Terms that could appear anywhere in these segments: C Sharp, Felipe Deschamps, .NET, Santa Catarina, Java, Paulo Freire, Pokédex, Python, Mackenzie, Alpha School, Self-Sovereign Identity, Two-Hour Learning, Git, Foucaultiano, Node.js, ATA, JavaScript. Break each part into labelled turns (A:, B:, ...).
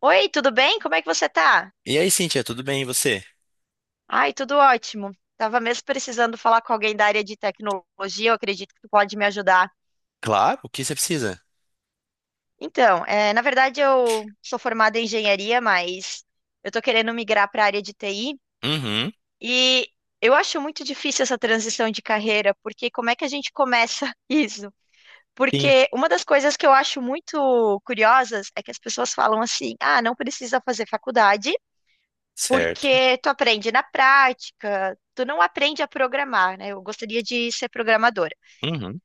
A: Oi, tudo bem? Como é que você tá?
B: E aí, Cíntia, tudo bem? E você?
A: Ai, tudo ótimo. Tava mesmo precisando falar com alguém da área de tecnologia, eu acredito que tu pode me ajudar.
B: Claro, o que você precisa?
A: Então, na verdade eu sou formada em engenharia, mas eu tô querendo migrar para a área de TI
B: Uhum,
A: e eu acho muito difícil essa transição de carreira, porque como é que a gente começa isso?
B: sim,
A: Porque uma das coisas que eu acho muito curiosas é que as pessoas falam assim: "Ah, não precisa fazer faculdade
B: certo.
A: porque tu aprende na prática, tu não aprende a programar, né?" Eu gostaria de ser programadora.
B: Uhum.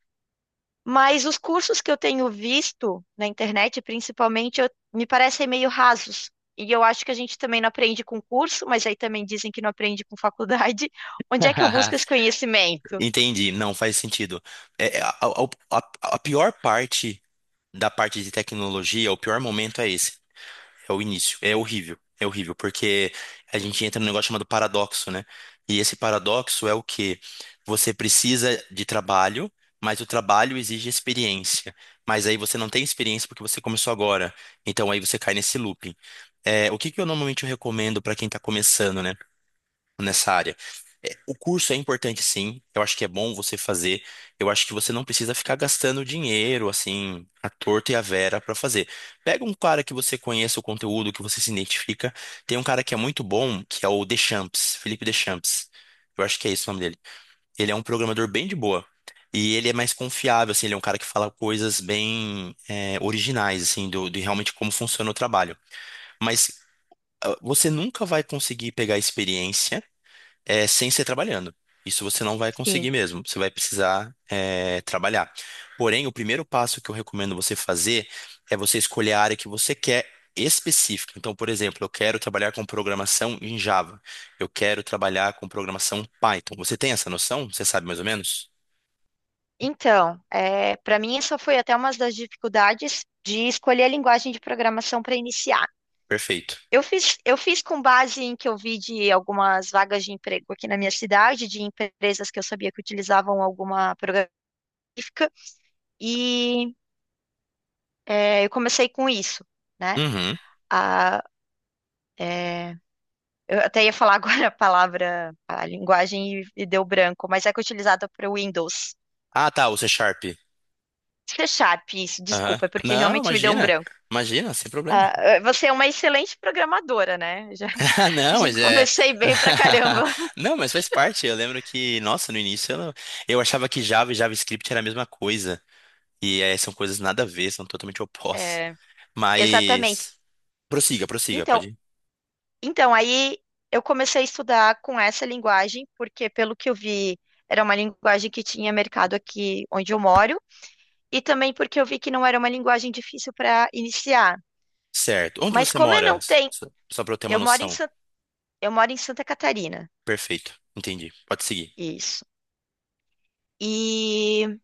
A: Mas os cursos que eu tenho visto na internet, principalmente, me parecem meio rasos. E eu acho que a gente também não aprende com curso, mas aí também dizem que não aprende com faculdade. Onde é que eu busco esse conhecimento?
B: Entendi, não faz sentido. É, é, a, a- a pior parte da parte de tecnologia, o pior momento é esse. É o início. É horrível. É horrível, porque a gente entra num negócio chamado paradoxo, né? E esse paradoxo é o que você precisa de trabalho, mas o trabalho exige experiência. Mas aí você não tem experiência porque você começou agora. Então aí você cai nesse looping. O que que eu normalmente recomendo para quem está começando, né? Nessa área. O curso é importante, sim. Eu acho que é bom você fazer. Eu acho que você não precisa ficar gastando dinheiro, assim, à torta e à vera para fazer. Pega um cara que você conheça o conteúdo, que você se identifica. Tem um cara que é muito bom, que é o Deschamps, Felipe Deschamps. Eu acho que é esse o nome dele. Ele é um programador bem de boa. E ele é mais confiável, assim, ele é um cara que fala coisas bem originais, assim, de realmente como funciona o trabalho. Mas ah, você nunca vai conseguir pegar a experiência sem ser trabalhando. Isso você não vai
A: Sim.
B: conseguir mesmo. Você vai precisar, trabalhar. Porém, o primeiro passo que eu recomendo você fazer é você escolher a área que você quer específica. Então, por exemplo, eu quero trabalhar com programação em Java. Eu quero trabalhar com programação Python. Você tem essa noção? Você sabe mais ou menos?
A: Então, para mim, essa foi até uma das dificuldades de escolher a linguagem de programação para iniciar.
B: Perfeito.
A: Eu fiz com base em que eu vi de algumas vagas de emprego aqui na minha cidade, de empresas que eu sabia que utilizavam alguma programística, e eu comecei com isso, né?
B: Uhum.
A: A, é, eu até ia falar agora a palavra, a linguagem e deu branco, mas é que é utilizada para o Windows.
B: Ah, tá, o C Sharp.
A: C Sharp, isso,
B: Aham.
A: desculpa, é porque
B: Não,
A: realmente me deu um
B: imagina.
A: branco.
B: Imagina, sem problema.
A: Ah, você é uma excelente programadora, né? Já,
B: Ah, não,
A: já
B: mas é.
A: comecei bem pra caramba.
B: Não, mas faz parte. Eu lembro que, nossa, no início eu, não- eu achava que Java e JavaScript era a mesma coisa. E é, são coisas nada a ver, são totalmente opostas.
A: É, exatamente.
B: Mas. Prossiga, prossiga,
A: Então,
B: pode ir.
A: Então, aí eu comecei a estudar com essa linguagem, porque pelo que eu vi, era uma linguagem que tinha mercado aqui onde eu moro, e também porque eu vi que não era uma linguagem difícil para iniciar.
B: Certo. Onde
A: Mas
B: você
A: como eu
B: mora?
A: não tenho,
B: Só, só pra eu ter uma
A: eu moro em
B: noção.
A: Santa, eu moro em Santa Catarina,
B: Perfeito. Entendi. Pode seguir.
A: isso. E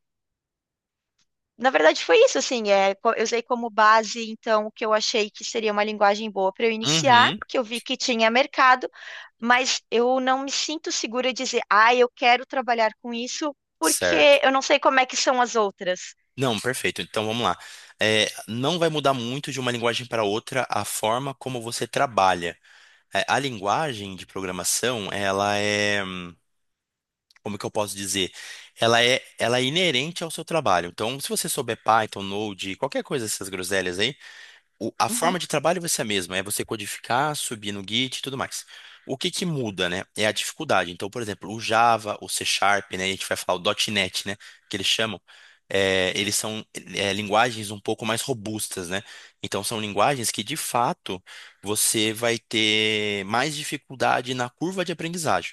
A: Na verdade, foi isso, assim, eu usei como base, então, o que eu achei que seria uma linguagem boa para eu iniciar,
B: Uhum.
A: que eu vi que tinha mercado, mas eu não me sinto segura de dizer: "Ah, eu quero trabalhar com isso",
B: Certo.
A: porque eu não sei como é que são as outras.
B: Não, perfeito. Então vamos lá. É, não vai mudar muito de uma linguagem para outra a forma como você trabalha. É, a linguagem de programação, ela é. Como que eu posso dizer? Ela é inerente ao seu trabalho. Então, se você souber Python, Node, qualquer coisa dessas groselhas aí, a
A: Uhum,
B: forma de trabalho vai ser a mesma, é você codificar, subir no Git e tudo mais. O que que muda, né? É a dificuldade. Então, por exemplo, o Java, o C Sharp, né? A gente vai falar o .NET, né? Que eles chamam. Eles são linguagens um pouco mais robustas, né? Então, são linguagens que, de fato, você vai ter mais dificuldade na curva de aprendizagem.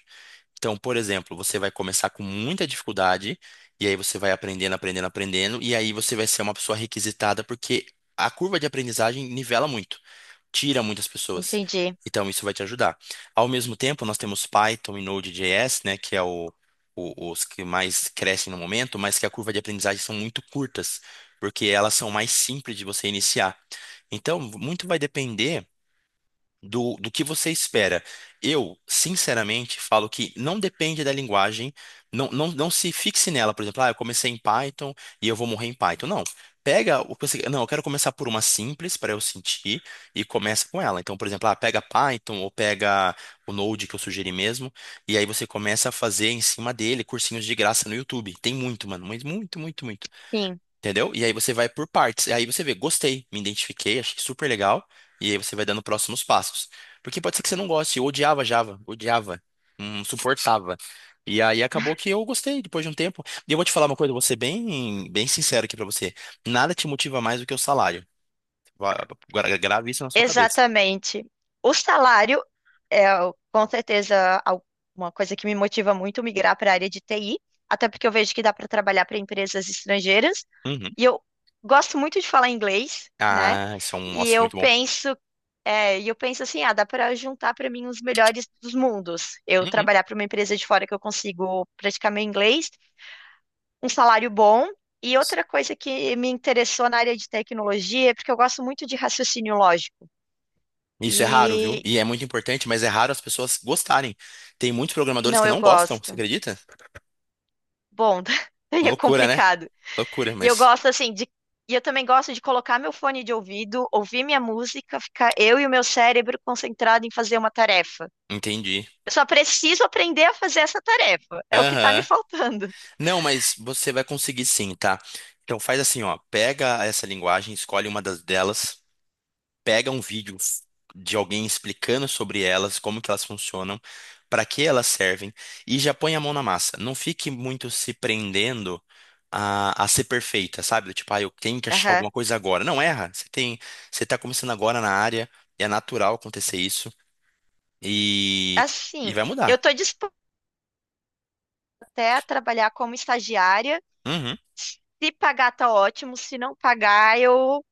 B: Então, por exemplo, você vai começar com muita dificuldade, e aí você vai aprendendo, aprendendo, aprendendo, e aí você vai ser uma pessoa requisitada, porque a curva de aprendizagem nivela muito, tira muitas pessoas.
A: entendi.
B: Então, isso vai te ajudar. Ao mesmo tempo, nós temos Python e Node.js, né, que é os que mais crescem no momento, mas que a curva de aprendizagem são muito curtas, porque elas são mais simples de você iniciar. Então, muito vai depender do que você espera. Eu, sinceramente, falo que não depende da linguagem, não, não, não se fixe nela, por exemplo, ah, eu comecei em Python e eu vou morrer em Python. Não. Pega o que você. Não, eu quero começar por uma simples para eu sentir e começa com ela. Então, por exemplo, ah, pega Python ou pega o Node que eu sugeri mesmo, e aí você começa a fazer em cima dele cursinhos de graça no YouTube. Tem muito, mano, mas muito, muito, muito.
A: Sim,
B: Entendeu? E aí você vai por partes. E aí você vê, gostei, me identifiquei, achei super legal. E aí você vai dando próximos passos. Porque pode ser que você não goste. Eu odiava Java, odiava, não suportava. E aí acabou que eu gostei depois de um tempo. E eu vou te falar uma coisa, vou ser bem, bem sincero aqui pra você. Nada te motiva mais do que o salário. Grave isso na sua cabeça.
A: exatamente. O salário com certeza, uma coisa que me motiva muito migrar para a área de TI, até porque eu vejo que dá para trabalhar para empresas estrangeiras.
B: Uhum.
A: E eu gosto muito de falar inglês, né?
B: Ah, isso é um,
A: E
B: nossa,
A: eu
B: muito bom.
A: penso, e eu penso assim, ah, dá para juntar para mim os melhores dos mundos. Eu
B: Uhum.
A: trabalhar para uma empresa de fora que eu consigo praticar meu inglês, um salário bom. E outra coisa que me interessou na área de tecnologia é porque eu gosto muito de raciocínio lógico.
B: Isso é raro, viu?
A: E
B: E é muito importante, mas é raro as pessoas gostarem. Tem muitos programadores
A: não,
B: que
A: eu
B: não gostam, você
A: gosto.
B: acredita?
A: Bom, daí é
B: Loucura, né?
A: complicado.
B: Loucura,
A: E eu
B: mas
A: gosto assim de. E eu também gosto de colocar meu fone de ouvido, ouvir minha música, ficar eu e o meu cérebro concentrado em fazer uma tarefa.
B: entendi.
A: Eu só preciso aprender a fazer essa tarefa. É o que tá me
B: Aham.
A: faltando.
B: Não, mas você vai conseguir sim, tá? Então faz assim, ó, pega essa linguagem, escolhe uma das delas, pega um vídeo de alguém explicando sobre elas, como que elas funcionam, para que elas servem e já põe a mão na massa. Não fique muito se prendendo a ser perfeita, sabe? Do tipo, ah, eu tenho que achar
A: Aham.
B: alguma coisa agora. Não erra. Você tem, você tá começando agora na área, é natural acontecer isso e e
A: Assim,
B: vai
A: eu
B: mudar.
A: tô disposta até a trabalhar como estagiária.
B: Uhum.
A: Se pagar, tá ótimo. Se não pagar,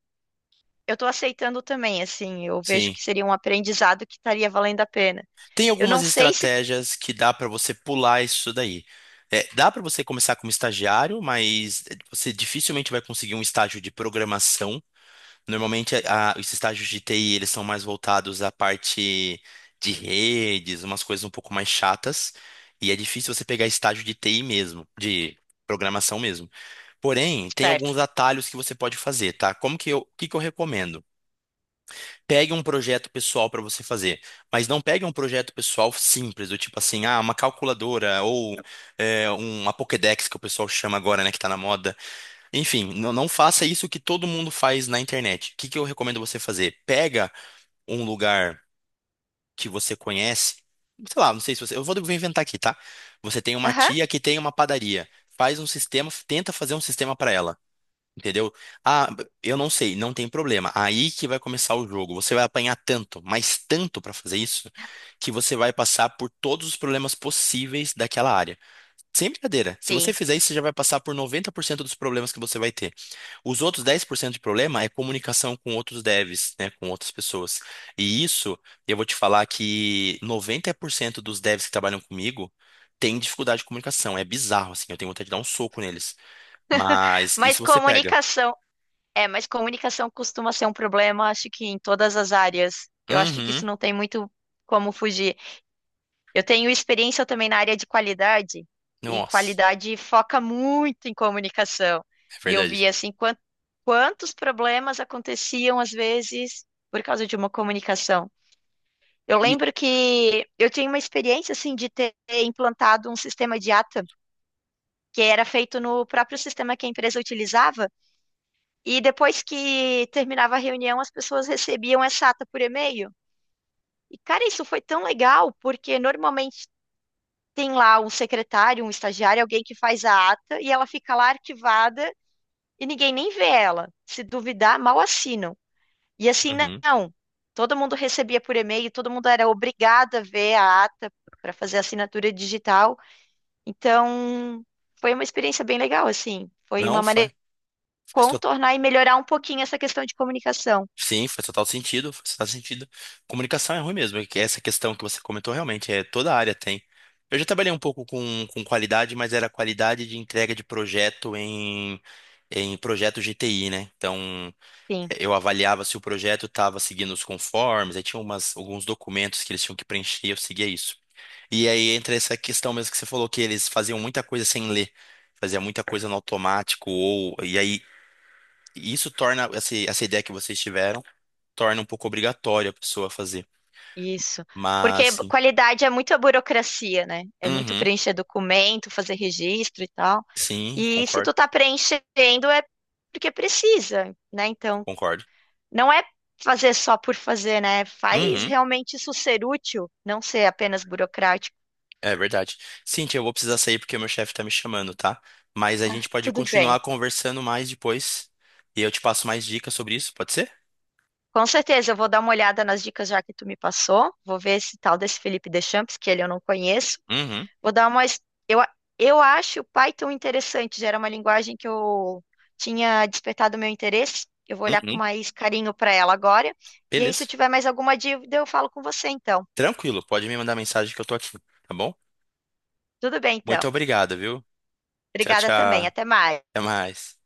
A: eu tô aceitando também, assim. Eu vejo
B: Sim.
A: que seria um aprendizado que estaria valendo a pena.
B: Tem
A: Eu não
B: algumas
A: sei se... tá.
B: estratégias que dá para você pular isso daí. É, dá para você começar como estagiário, mas você dificilmente vai conseguir um estágio de programação. Normalmente, os estágios de TI, eles são mais voltados à parte de redes, umas coisas um pouco mais chatas. E é difícil você pegar estágio de TI mesmo, de programação mesmo. Porém, tem alguns
A: Certo.
B: atalhos que você pode fazer, tá? Como que eu, o que que eu recomendo? Pegue um projeto pessoal para você fazer, mas não pegue um projeto pessoal simples, do tipo assim, ah, uma calculadora ou uma Pokédex, que o pessoal chama agora, né, que tá na moda. Enfim, não, não faça isso que todo mundo faz na internet. O que que eu recomendo você fazer? Pega um lugar que você conhece, sei lá, não sei se você, eu vou inventar aqui, tá? Você tem uma
A: Aham,
B: tia que tem uma padaria, faz um sistema, tenta fazer um sistema para ela. Entendeu? Ah, eu não sei, não tem problema. Aí que vai começar o jogo. Você vai apanhar tanto, mas tanto para fazer isso, que você vai passar por todos os problemas possíveis daquela área. Sem brincadeira. Se você
A: sim.
B: fizer isso, você já vai passar por 90% dos problemas que você vai ter. Os outros 10% de problema é comunicação com outros devs, né, com outras pessoas. E isso, eu vou te falar que 90% dos devs que trabalham comigo têm dificuldade de comunicação. É bizarro, assim, eu tenho vontade de dar um soco neles. Mas
A: Mas
B: isso você pega.
A: comunicação... mas comunicação costuma ser um problema, acho que em todas as áreas. Eu acho que
B: Uhum.
A: isso não tem muito como fugir. Eu tenho experiência também na área de qualidade, e
B: Nossa,
A: qualidade foca muito em comunicação.
B: é
A: E eu vi,
B: verdade.
A: assim, quantos problemas aconteciam, às vezes, por causa de uma comunicação. Eu
B: E
A: lembro que eu tinha uma experiência, assim, de ter implantado um sistema de ATA, que era feito no próprio sistema que a empresa utilizava. E depois que terminava a reunião, as pessoas recebiam essa ata por e-mail. E, cara, isso foi tão legal, porque normalmente tem lá um secretário, um estagiário, alguém que faz a ata e ela fica lá arquivada e ninguém nem vê ela. Se duvidar, mal assinam. E assim,
B: uhum.
A: não. Todo mundo recebia por e-mail, todo mundo era obrigado a ver a ata para fazer a assinatura digital. Então, foi uma experiência bem legal, assim. Foi
B: Não,
A: uma maneira
B: faz,
A: de
B: faz to-
A: contornar e melhorar um pouquinho essa questão de comunicação.
B: Sim, faz total sentido, faz total sentido. Comunicação é ruim mesmo, é que essa questão que você comentou realmente é toda a área tem. Eu já trabalhei um pouco com qualidade, mas era qualidade de entrega de projeto em projeto G T I né? Então,
A: Sim.
B: eu avaliava se o projeto estava seguindo os conformes, aí tinha umas, alguns documentos que eles tinham que preencher, eu seguia isso. E aí entra essa questão mesmo que você falou, que eles faziam muita coisa sem ler, fazia muita coisa no automático, ou, e aí isso torna, essa ideia que vocês tiveram, torna um pouco obrigatório a pessoa fazer.
A: Isso.
B: Mas,
A: Porque
B: sim.
A: qualidade é muita burocracia, né? É muito
B: Uhum,
A: preencher documento, fazer registro e tal.
B: sim,
A: E se
B: concordo,
A: tu tá preenchendo é porque precisa, né? Então,
B: concordo.
A: não é fazer só por fazer, né? Faz
B: Uhum,
A: realmente isso ser útil, não ser apenas burocrático.
B: é verdade. Cintia, eu vou precisar sair porque meu chefe tá me chamando, tá? Mas a
A: Ah,
B: gente pode
A: tudo bem.
B: continuar conversando mais depois, e eu te passo mais dicas sobre isso, pode ser?
A: Com certeza, eu vou dar uma olhada nas dicas já que tu me passou. Vou ver esse tal desse Felipe Deschamps, que ele eu não conheço.
B: Uhum,
A: Vou dar uma. Es- Eu, a- eu acho o Python interessante, já era uma linguagem que eu tinha despertado meu interesse. Eu vou olhar com
B: uhum,
A: mais carinho para ela agora. E aí, se eu
B: beleza.
A: tiver mais alguma dúvida, eu falo com você então.
B: Tranquilo, pode me mandar mensagem que eu tô aqui, tá bom?
A: Tudo bem,
B: Muito
A: então.
B: obrigado, viu? Tchau,
A: Obrigada também.
B: tchau.
A: Até mais.
B: Até mais.